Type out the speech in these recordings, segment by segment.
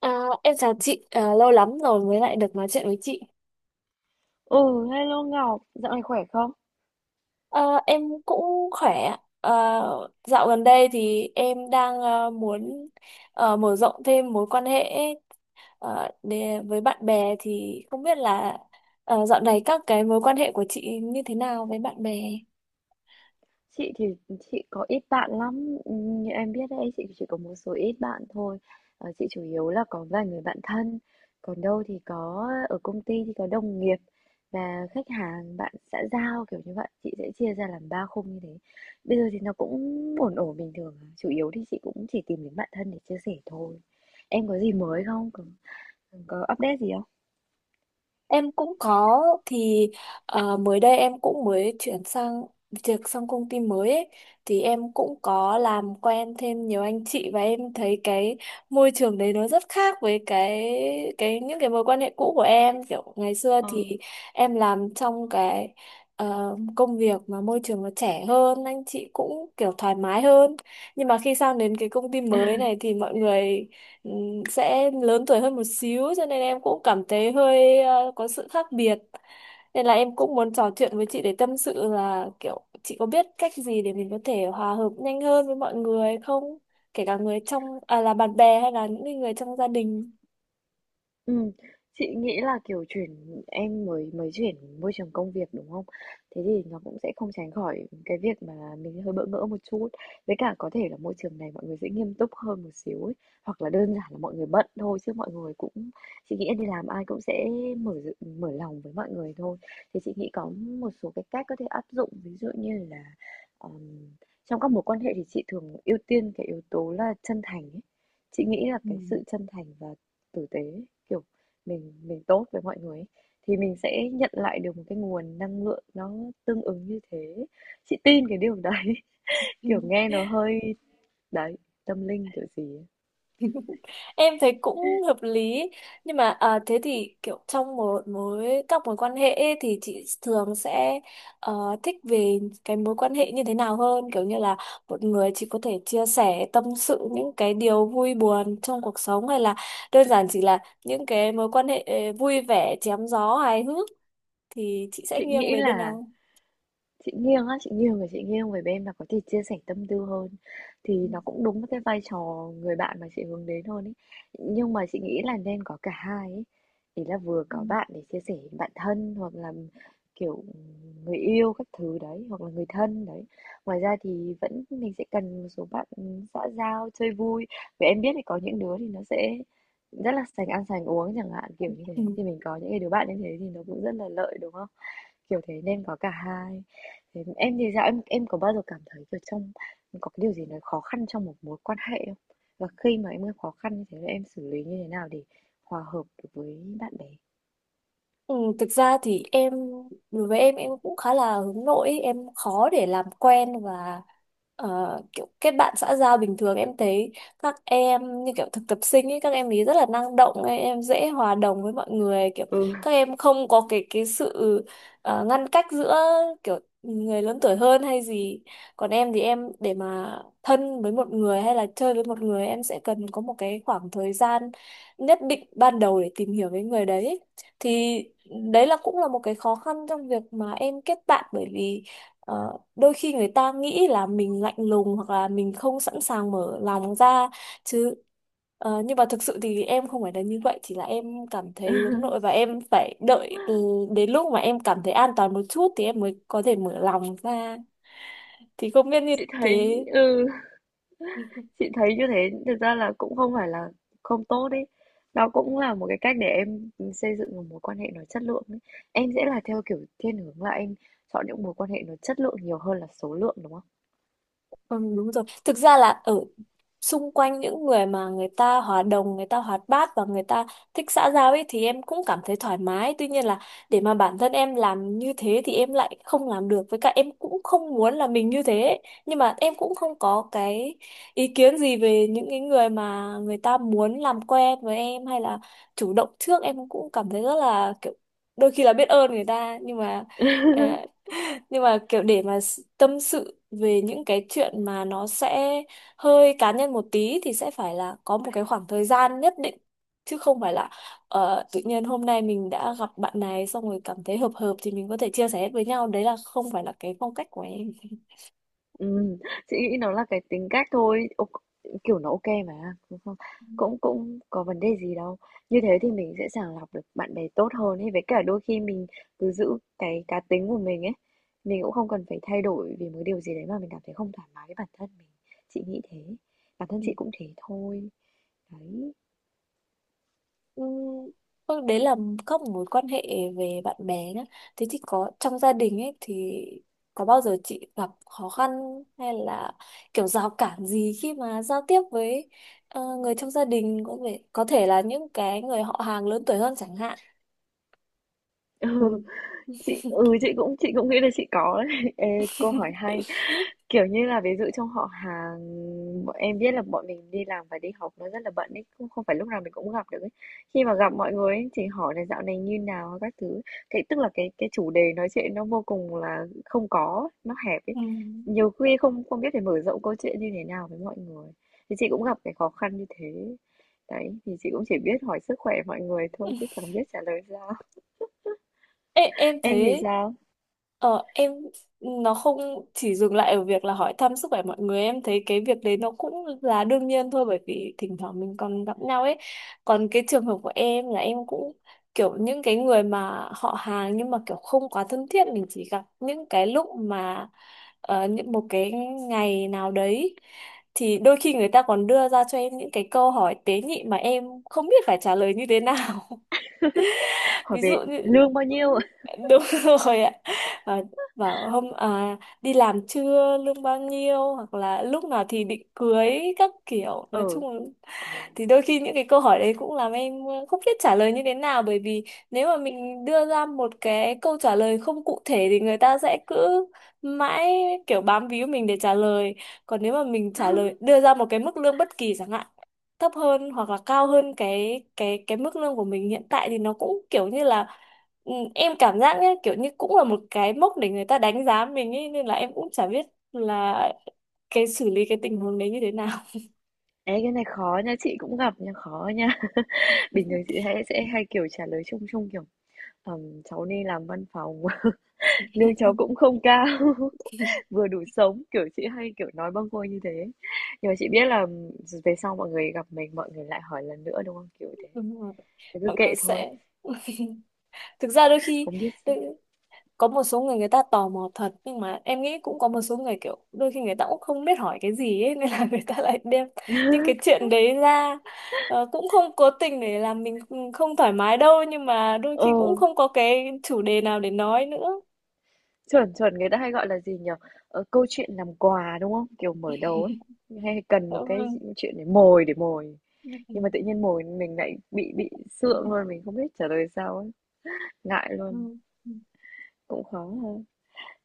À, em chào chị, lâu lắm rồi mới lại được nói chuyện với chị. Ừ, hello Ngọc, dạo này khỏe không? À, em cũng khỏe. À, dạo gần đây thì em đang muốn mở rộng thêm mối quan hệ, để, với bạn bè, thì không biết là, dạo này các cái mối quan hệ của chị như thế nào với bạn bè? Chị thì chị có ít bạn lắm, như em biết đấy, chị chỉ có một số ít bạn thôi. Chị chủ yếu là có vài người bạn thân, còn đâu thì có ở công ty thì có đồng nghiệp và khách hàng, bạn xã giao kiểu như vậy. Chị sẽ chia ra làm ba khung như thế. Bây giờ thì nó cũng ổn ổn bình thường, à. Chủ yếu thì chị cũng chỉ tìm đến bạn thân để chia sẻ thôi. Em có gì mới không? Có update gì không? Em cũng có thì mới đây em cũng mới chuyển sang việc, sang công ty mới ấy, thì em cũng có làm quen thêm nhiều anh chị, và em thấy cái môi trường đấy nó rất khác với cái những cái mối quan hệ cũ của em. Kiểu ngày xưa thì em làm trong cái công việc mà môi trường nó trẻ hơn, anh chị cũng kiểu thoải mái hơn. Nhưng mà khi sang đến cái công ty Ờ. mới này thì mọi người ừ, sẽ lớn tuổi hơn một xíu, cho nên em cũng cảm thấy hơi có sự khác biệt. Nên là em cũng muốn trò chuyện với chị để tâm sự, là kiểu chị có biết cách gì để mình có thể hòa hợp nhanh hơn với mọi người không, kể cả người trong, là bạn bè hay là những cái người trong gia đình. Ừm, chị nghĩ là, kiểu, chuyển em mới mới chuyển môi trường công việc, đúng không? Thế thì nó cũng sẽ không tránh khỏi cái việc mà mình hơi bỡ ngỡ một chút. Với cả có thể là môi trường này mọi người sẽ nghiêm túc hơn một xíu ấy, hoặc là đơn giản là mọi người bận thôi chứ mọi người cũng chị nghĩ đi làm ai cũng sẽ mở d mở lòng với mọi người thôi. Thì chị nghĩ có một số cái cách có thể áp dụng, ví dụ như là, ờm, trong các mối quan hệ thì chị thường ưu tiên cái yếu tố là chân thành ấy. Chị nghĩ là Ừ. cái sự chân thành và tử tế, kiểu, mình tốt với mọi người ấy, thì mình sẽ nhận lại được một cái nguồn năng lượng nó tương ứng như thế. Chị tin cái điều đấy, Ừ. kiểu, nghe nó hơi đấy, tâm linh kiểu gì ấy. Em thấy cũng hợp lý, nhưng mà thế thì kiểu trong một mối các mối quan hệ ấy, thì chị thường sẽ thích về cái mối quan hệ như thế nào hơn, kiểu như là một người chị có thể chia sẻ tâm sự những cái điều vui buồn trong cuộc sống, hay là đơn giản chỉ là những cái mối quan hệ vui vẻ, chém gió, hài hước, thì chị sẽ Chị nghiêng nghĩ về bên là nào? Chị nghiêng á, chị nghiêng về bên là có thể chia sẻ tâm tư hơn, Ừ. thì nó cũng đúng với cái vai trò người bạn mà chị hướng đến hơn ấy. Nhưng mà chị nghĩ là nên có cả hai ấy. Ý là vừa có bạn để chia sẻ bạn thân, hoặc là kiểu người yêu các thứ đấy, hoặc là người thân đấy. Ngoài ra thì vẫn mình sẽ cần một số bạn xã giao chơi vui. Vì em biết thì có những đứa thì nó sẽ rất là sành ăn sành uống chẳng hạn, kiểu như thế Ừ. thì mình có những cái đứa bạn như thế thì nó cũng rất là lợi, đúng không? Kiểu thế nên có cả hai. Thế em thì sao? Em có bao giờ cảm thấy kiểu có cái điều gì nó khó khăn trong một mối quan hệ không? Và khi mà em gặp khó khăn như thế thì em xử lý như thế nào để hòa hợp được với bạn bè? Ừ, thực ra thì em, đối với em cũng khá là hướng nội ấy. Em khó để làm quen và kiểu kết bạn xã giao bình thường. Em thấy các em như kiểu thực tập sinh ấy, các em ấy rất là năng động ấy, em dễ hòa đồng với mọi người. Kiểu Ừ. các em không có cái sự ngăn cách giữa kiểu người lớn tuổi hơn hay gì. Còn em thì em, để mà thân với một người hay là chơi với một người, em sẽ cần có một cái khoảng thời gian nhất định ban đầu để tìm hiểu với người đấy. Thì đấy là cũng là một cái khó khăn trong việc mà em kết bạn, bởi vì đôi khi người ta nghĩ là mình lạnh lùng, hoặc là mình không sẵn sàng mở lòng ra chứ. Ờ, nhưng mà thực sự thì em không phải là như vậy, chỉ là em cảm thấy hướng nội và em phải đợi, từ đến lúc mà em cảm thấy an toàn một chút thì em mới có thể mở lòng ra. Thì không biết như chị thấy thế. ừ chị thấy như thế thực ra là cũng không phải là không tốt đấy, đó cũng là một cái cách để em xây dựng một mối quan hệ nó chất lượng ấy. Em sẽ là theo kiểu thiên hướng là em chọn những mối quan hệ nó chất lượng nhiều hơn là số lượng, đúng không? Ừ, đúng rồi. Thực ra là ở xung quanh những người mà người ta hòa đồng, người ta hoạt bát và người ta thích xã giao ấy, thì em cũng cảm thấy thoải mái. Tuy nhiên là để mà bản thân em làm như thế thì em lại không làm được. Với cả em cũng không muốn là mình như thế ấy. Nhưng mà em cũng không có cái ý kiến gì về những cái người mà người ta muốn làm quen với em, hay là chủ động trước. Em cũng cảm thấy rất là kiểu đôi khi là biết ơn người ta, ờ, nhưng mà kiểu để mà tâm sự về những cái chuyện mà nó sẽ hơi cá nhân một tí thì sẽ phải là có một cái khoảng thời gian nhất định, chứ không phải là tự nhiên hôm nay mình đã gặp bạn này, xong rồi cảm thấy hợp hợp thì mình có thể chia sẻ hết với nhau. Đấy là không phải là cái phong cách của em. Ừm, chị nghĩ nó là cái tính cách thôi, kiểu, nó mà, đúng không? Cũng cũng có vấn đề gì đâu. Như thế thì mình sẽ sàng lọc được bạn bè tốt hơn ấy, với cả đôi khi mình cứ giữ cái cá tính của mình ấy, mình cũng không cần phải thay đổi vì một điều gì đấy mà mình cảm thấy không thoải mái với bản thân mình. Chị nghĩ thế, bản thân chị cũng thế thôi. Đấy. Ừ, thôi đấy là các mối quan hệ về bạn bè nhá. Thế thì có trong gia đình ấy, thì có bao giờ chị gặp khó khăn hay là kiểu rào cản gì khi mà giao tiếp với người trong gia đình, có thể là những cái người họ hàng lớn tuổi hơn chẳng hạn. Ừ, Ừ. Chị cũng nghĩ là chị có đấy. Ê, câu hỏi hay. Kiểu như là, ví dụ trong họ hàng, bọn em biết là bọn mình đi làm và đi học nó rất là bận ấy, không không phải lúc nào mình cũng gặp được ấy. Khi mà gặp mọi người ấy, thì hỏi là dạo này như nào các thứ, thế tức là cái chủ đề nói chuyện nó vô cùng là không có, nó hẹp ấy. Nhiều khi không không biết phải mở rộng câu chuyện như thế nào với mọi người. Thì chị cũng gặp cái khó khăn như thế. Đấy, thì chị cũng chỉ biết hỏi sức khỏe mọi người Ừ. thôi chứ chẳng biết trả lời sao. Ê, em Em thì thấy sao? ờ, em nó không chỉ dừng lại ở việc là hỏi thăm sức khỏe mọi người. Em thấy cái việc đấy nó cũng là đương nhiên thôi, bởi vì thỉnh thoảng mình còn gặp nhau ấy. Còn cái trường hợp của em là em cũng kiểu những cái người mà họ hàng nhưng mà kiểu không quá thân thiết, mình chỉ gặp những cái lúc mà ờ, những một cái ngày nào đấy, thì đôi khi người ta còn đưa ra cho em những cái câu hỏi tế nhị mà em không biết phải trả lời như thế nào. Hỏi Ví dụ về như, lương bao ừ, nhiêu? đúng rồi ạ, và bảo đi làm chưa, lương bao nhiêu, hoặc là lúc nào thì định cưới, các kiểu nói Ừ. chung là, thì đôi khi những cái câu hỏi đấy cũng làm em không biết trả lời như thế nào. Bởi vì nếu mà mình đưa ra một cái câu trả lời không cụ thể thì người ta sẽ cứ mãi kiểu bám víu mình để trả lời. Còn nếu mà mình trả lời, đưa ra một cái mức lương bất kỳ chẳng hạn, thấp hơn hoặc là cao hơn cái mức lương của mình hiện tại, thì nó cũng kiểu như là, em cảm giác nhé, kiểu như cũng là một cái mốc để người ta đánh giá mình ấy, nên là em cũng chả biết là cái xử lý cái tình huống đấy như thế nào. Ê, cái này khó nha, chị cũng gặp nha, khó nha. Bình thường chị hay sẽ kiểu trả lời chung chung kiểu cháu đi làm văn phòng, lương cháu cũng không cao, vừa đủ sống", kiểu chị hay kiểu nói bâng quơ như thế. Nhưng mà chị biết là về sau mọi người gặp mình, mọi người lại hỏi lần nữa, đúng không? Kiểu thế. Đúng rồi, Thế cứ mọi người kệ thôi, sẽ, thực ra đôi khi không biết s có một số người người ta tò mò thật, nhưng mà em nghĩ cũng có một số người kiểu đôi khi người ta cũng không biết hỏi cái gì ấy, nên là người ta lại đem những cái chuyện đấy ra. Ờ, cũng không cố tình để làm mình không thoải mái đâu, nhưng mà đôi ờ. khi cũng không có cái chủ đề nào để nói nữa. Chuẩn, chuẩn, người ta hay gọi là gì nhỉ? Câu chuyện làm quà, đúng không? Kiểu mở đầu ấy, hay cần Dạ một cái vâng. chuyện để mồi, nhưng Ừ. mà tự nhiên mồi mình lại bị sượng luôn, mình không biết trả lời sao ấy, ngại luôn, Ừ. cũng khó ha.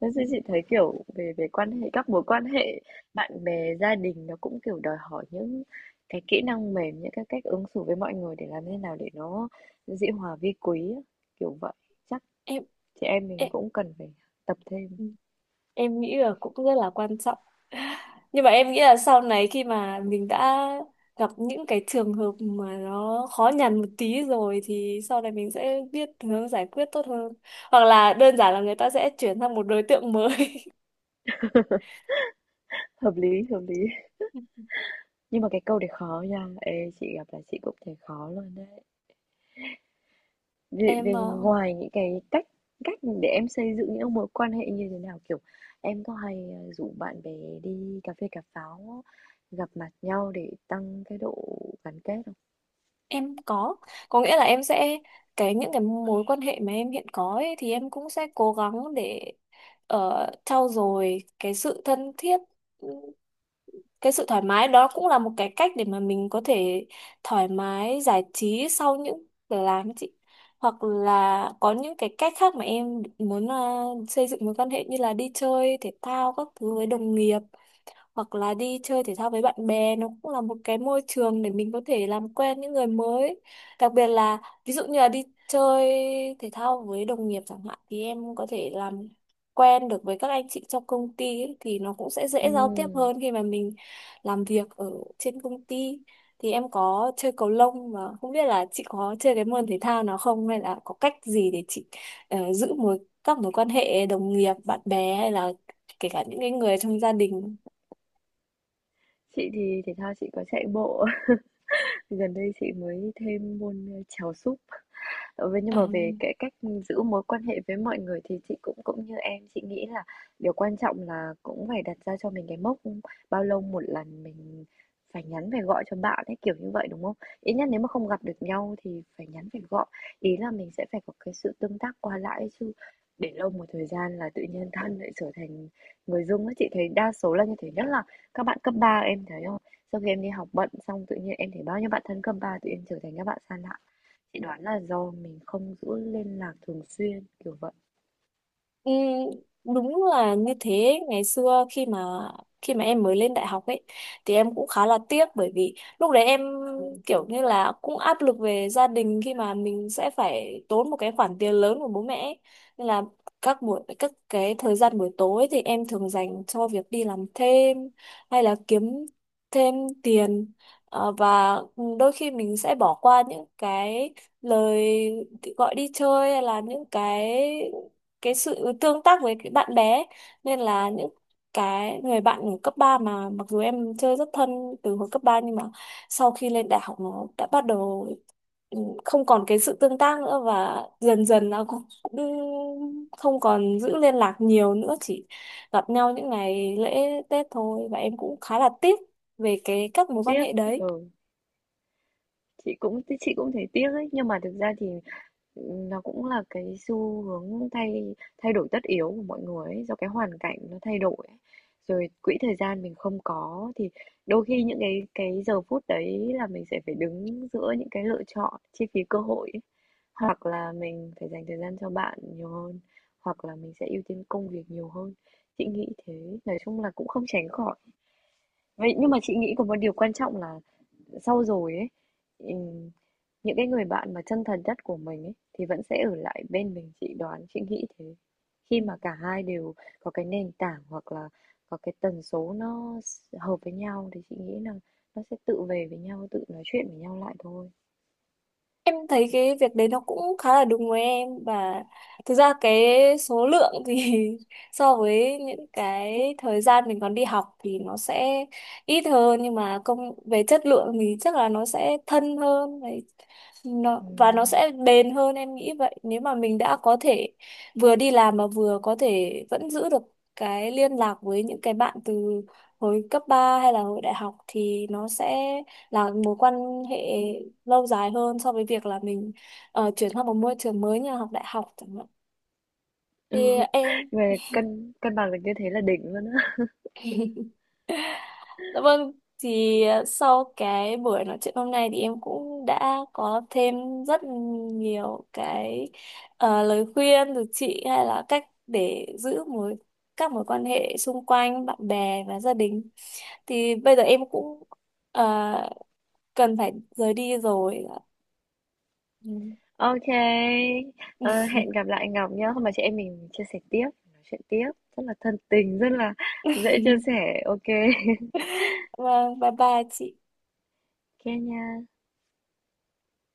Thế Ừ. thì chị thấy, kiểu, về về quan hệ các mối quan hệ bạn bè, gia đình nó cũng, kiểu, đòi hỏi những cái kỹ năng mềm, những cái cách ứng xử với mọi người để làm thế nào để nó dĩ hòa vi quý á, kiểu vậy. Chắc Em chị em mình em cũng cần phải tập thêm. Ừ. Em nghĩ là cũng rất là quan trọng. Nhưng mà em nghĩ là sau này khi mà mình đã gặp những cái trường hợp mà nó khó nhằn một tí rồi, thì sau này mình sẽ biết hướng giải quyết tốt hơn, hoặc là đơn giản là người ta sẽ chuyển sang một đối tượng mới. Hợp lý, hợp lý. Nhưng mà cái câu đấy khó nha. Ê, chị gặp là chị cũng thấy khó luôn đấy. Vì, em vì ờ, ngoài những cái cách cách để em xây dựng những mối quan hệ như thế nào, kiểu em có hay rủ bạn bè đi cà phê cà pháo, gặp mặt nhau để tăng cái độ gắn kết không? Em có nghĩa là em sẽ, cái những cái mối quan hệ mà em hiện có ấy, thì em cũng sẽ cố gắng để trau dồi cái sự thân thiết, ừ, cái sự thoải mái. Đó cũng là một cái cách để mà mình có thể thoải mái giải trí sau những giờ làm ấy chị. Hoặc là có những cái cách khác mà em muốn xây dựng mối quan hệ, như là đi chơi thể thao các thứ với đồng nghiệp, hoặc là đi chơi thể thao với bạn bè. Nó cũng là một cái môi trường để mình có thể làm quen những người mới, đặc biệt là ví dụ như là đi chơi thể thao với đồng nghiệp chẳng hạn, thì em có thể làm quen được với các anh chị trong công ty ấy, thì nó cũng sẽ dễ giao tiếp Ừm, hơn khi mà mình làm việc ở trên công ty. Thì em có chơi cầu lông, mà không biết là chị có chơi cái môn thể thao nào không, hay là có cách gì để chị giữ các mối quan hệ đồng nghiệp, bạn bè, hay là kể cả những cái người trong gia đình. Chị thì thể thao chị có chạy bộ. Gần đây chị mới thêm môn chèo súp. Vậy nhưng À, mà về cái cách giữ mối quan hệ với mọi người thì chị cũng cũng như em, chị nghĩ là điều quan trọng là cũng phải đặt ra cho mình cái mốc bao lâu một lần mình phải nhắn phải gọi cho bạn ấy, kiểu như vậy đúng không? Ít nhất nếu mà không gặp được nhau thì phải nhắn phải gọi. Ý là mình sẽ phải có cái sự tương tác qua lại ấy chứ. Để lâu một thời gian là tự nhiên thân lại trở thành người dưng ấy. Chị thấy đa số là như thế, nhất là các bạn cấp ba, em thấy không? Sau khi em đi học bận xong tự nhiên em thấy bao nhiêu bạn thân cấp 3 tự nhiên trở thành các bạn xa lạ. Chị đoán là do mình không giữ liên lạc thường xuyên, kiểu vậy. ừ, đúng là như thế. Ngày xưa khi mà em mới lên đại học ấy, thì em cũng khá là tiếc, bởi vì lúc đấy em kiểu như là cũng áp lực về gia đình, khi mà mình sẽ phải tốn một cái khoản tiền lớn của bố mẹ ấy. Nên là các cái thời gian buổi tối thì em thường dành cho việc đi làm thêm, hay là kiếm thêm tiền. Ờ, và đôi khi mình sẽ bỏ qua những cái lời gọi đi chơi, hay là những cái sự tương tác với cái bạn bé. Nên là những cái người bạn ở cấp 3 mà mặc dù em chơi rất thân từ hồi cấp ba, nhưng mà sau khi lên đại học nó đã bắt đầu, ừ, không còn cái sự tương tác nữa, và dần dần nó cũng cũng không còn giữ liên lạc nhiều nữa, chỉ gặp nhau những ngày lễ Tết thôi, và em cũng khá là tiếc về cái các mối quan Tiếc, hệ đấy. ừ. Chị cũng thấy tiếc ấy, nhưng mà thực ra thì nó cũng là cái xu hướng thay thay đổi tất yếu của mọi người ấy, do cái hoàn cảnh nó thay đổi ấy. Rồi quỹ thời gian mình không có thì đôi khi những cái giờ phút đấy là mình sẽ phải đứng giữa những cái lựa chọn chi phí cơ hội ấy. Hoặc là mình phải dành thời gian cho bạn nhiều hơn, hoặc là mình sẽ ưu tiên công việc nhiều hơn, chị nghĩ thế. Nói chung là cũng không tránh khỏi, vậy nhưng mà chị nghĩ có một điều quan trọng là sau rồi ấy, ừm, những cái người bạn mà chân thật nhất của mình ấy, thì vẫn sẽ ở lại bên mình, chị đoán, chị nghĩ thế. Khi mà cả hai đều có cái nền tảng, hoặc là có cái tần số nó hợp với nhau thì chị nghĩ là nó sẽ tự về với nhau, tự nói chuyện với nhau lại thôi. Em thấy cái việc đấy nó cũng khá là đúng với em. Và thực ra cái số lượng thì so với những cái thời gian mình còn đi học thì nó sẽ ít hơn, nhưng mà công về chất lượng thì chắc là nó sẽ thân hơn nó, và nó Ừm. sẽ bền hơn, em nghĩ vậy. Nếu mà mình đã có thể vừa đi làm mà vừa có thể vẫn giữ được cái liên lạc với những cái bạn từ hồi cấp 3 hay là hồi đại học, thì nó sẽ là mối quan hệ lâu dài hơn so với việc là mình chuyển sang một môi trường mới như là học đại học chẳng hạn. Thì Ừ. em. Về cân cân bằng được như thế là đỉnh luôn á. Dạ vâng, thì sau cái buổi nói chuyện hôm nay thì em cũng đã có thêm rất nhiều cái lời khuyên từ chị, hay là cách để giữ các mối quan hệ xung quanh bạn bè và gia đình. Thì bây giờ em cũng ờ, cần phải rời đi rồi. Ừ. Ok. Ờ, hẹn gặp lại Ngọc nhá. Hôm mà chị em mình chia sẻ tiếp, nói chuyện tiếp, rất là thân tình, rất là dễ chia sẻ. Ok. Vâng, bye bye chị. Kenya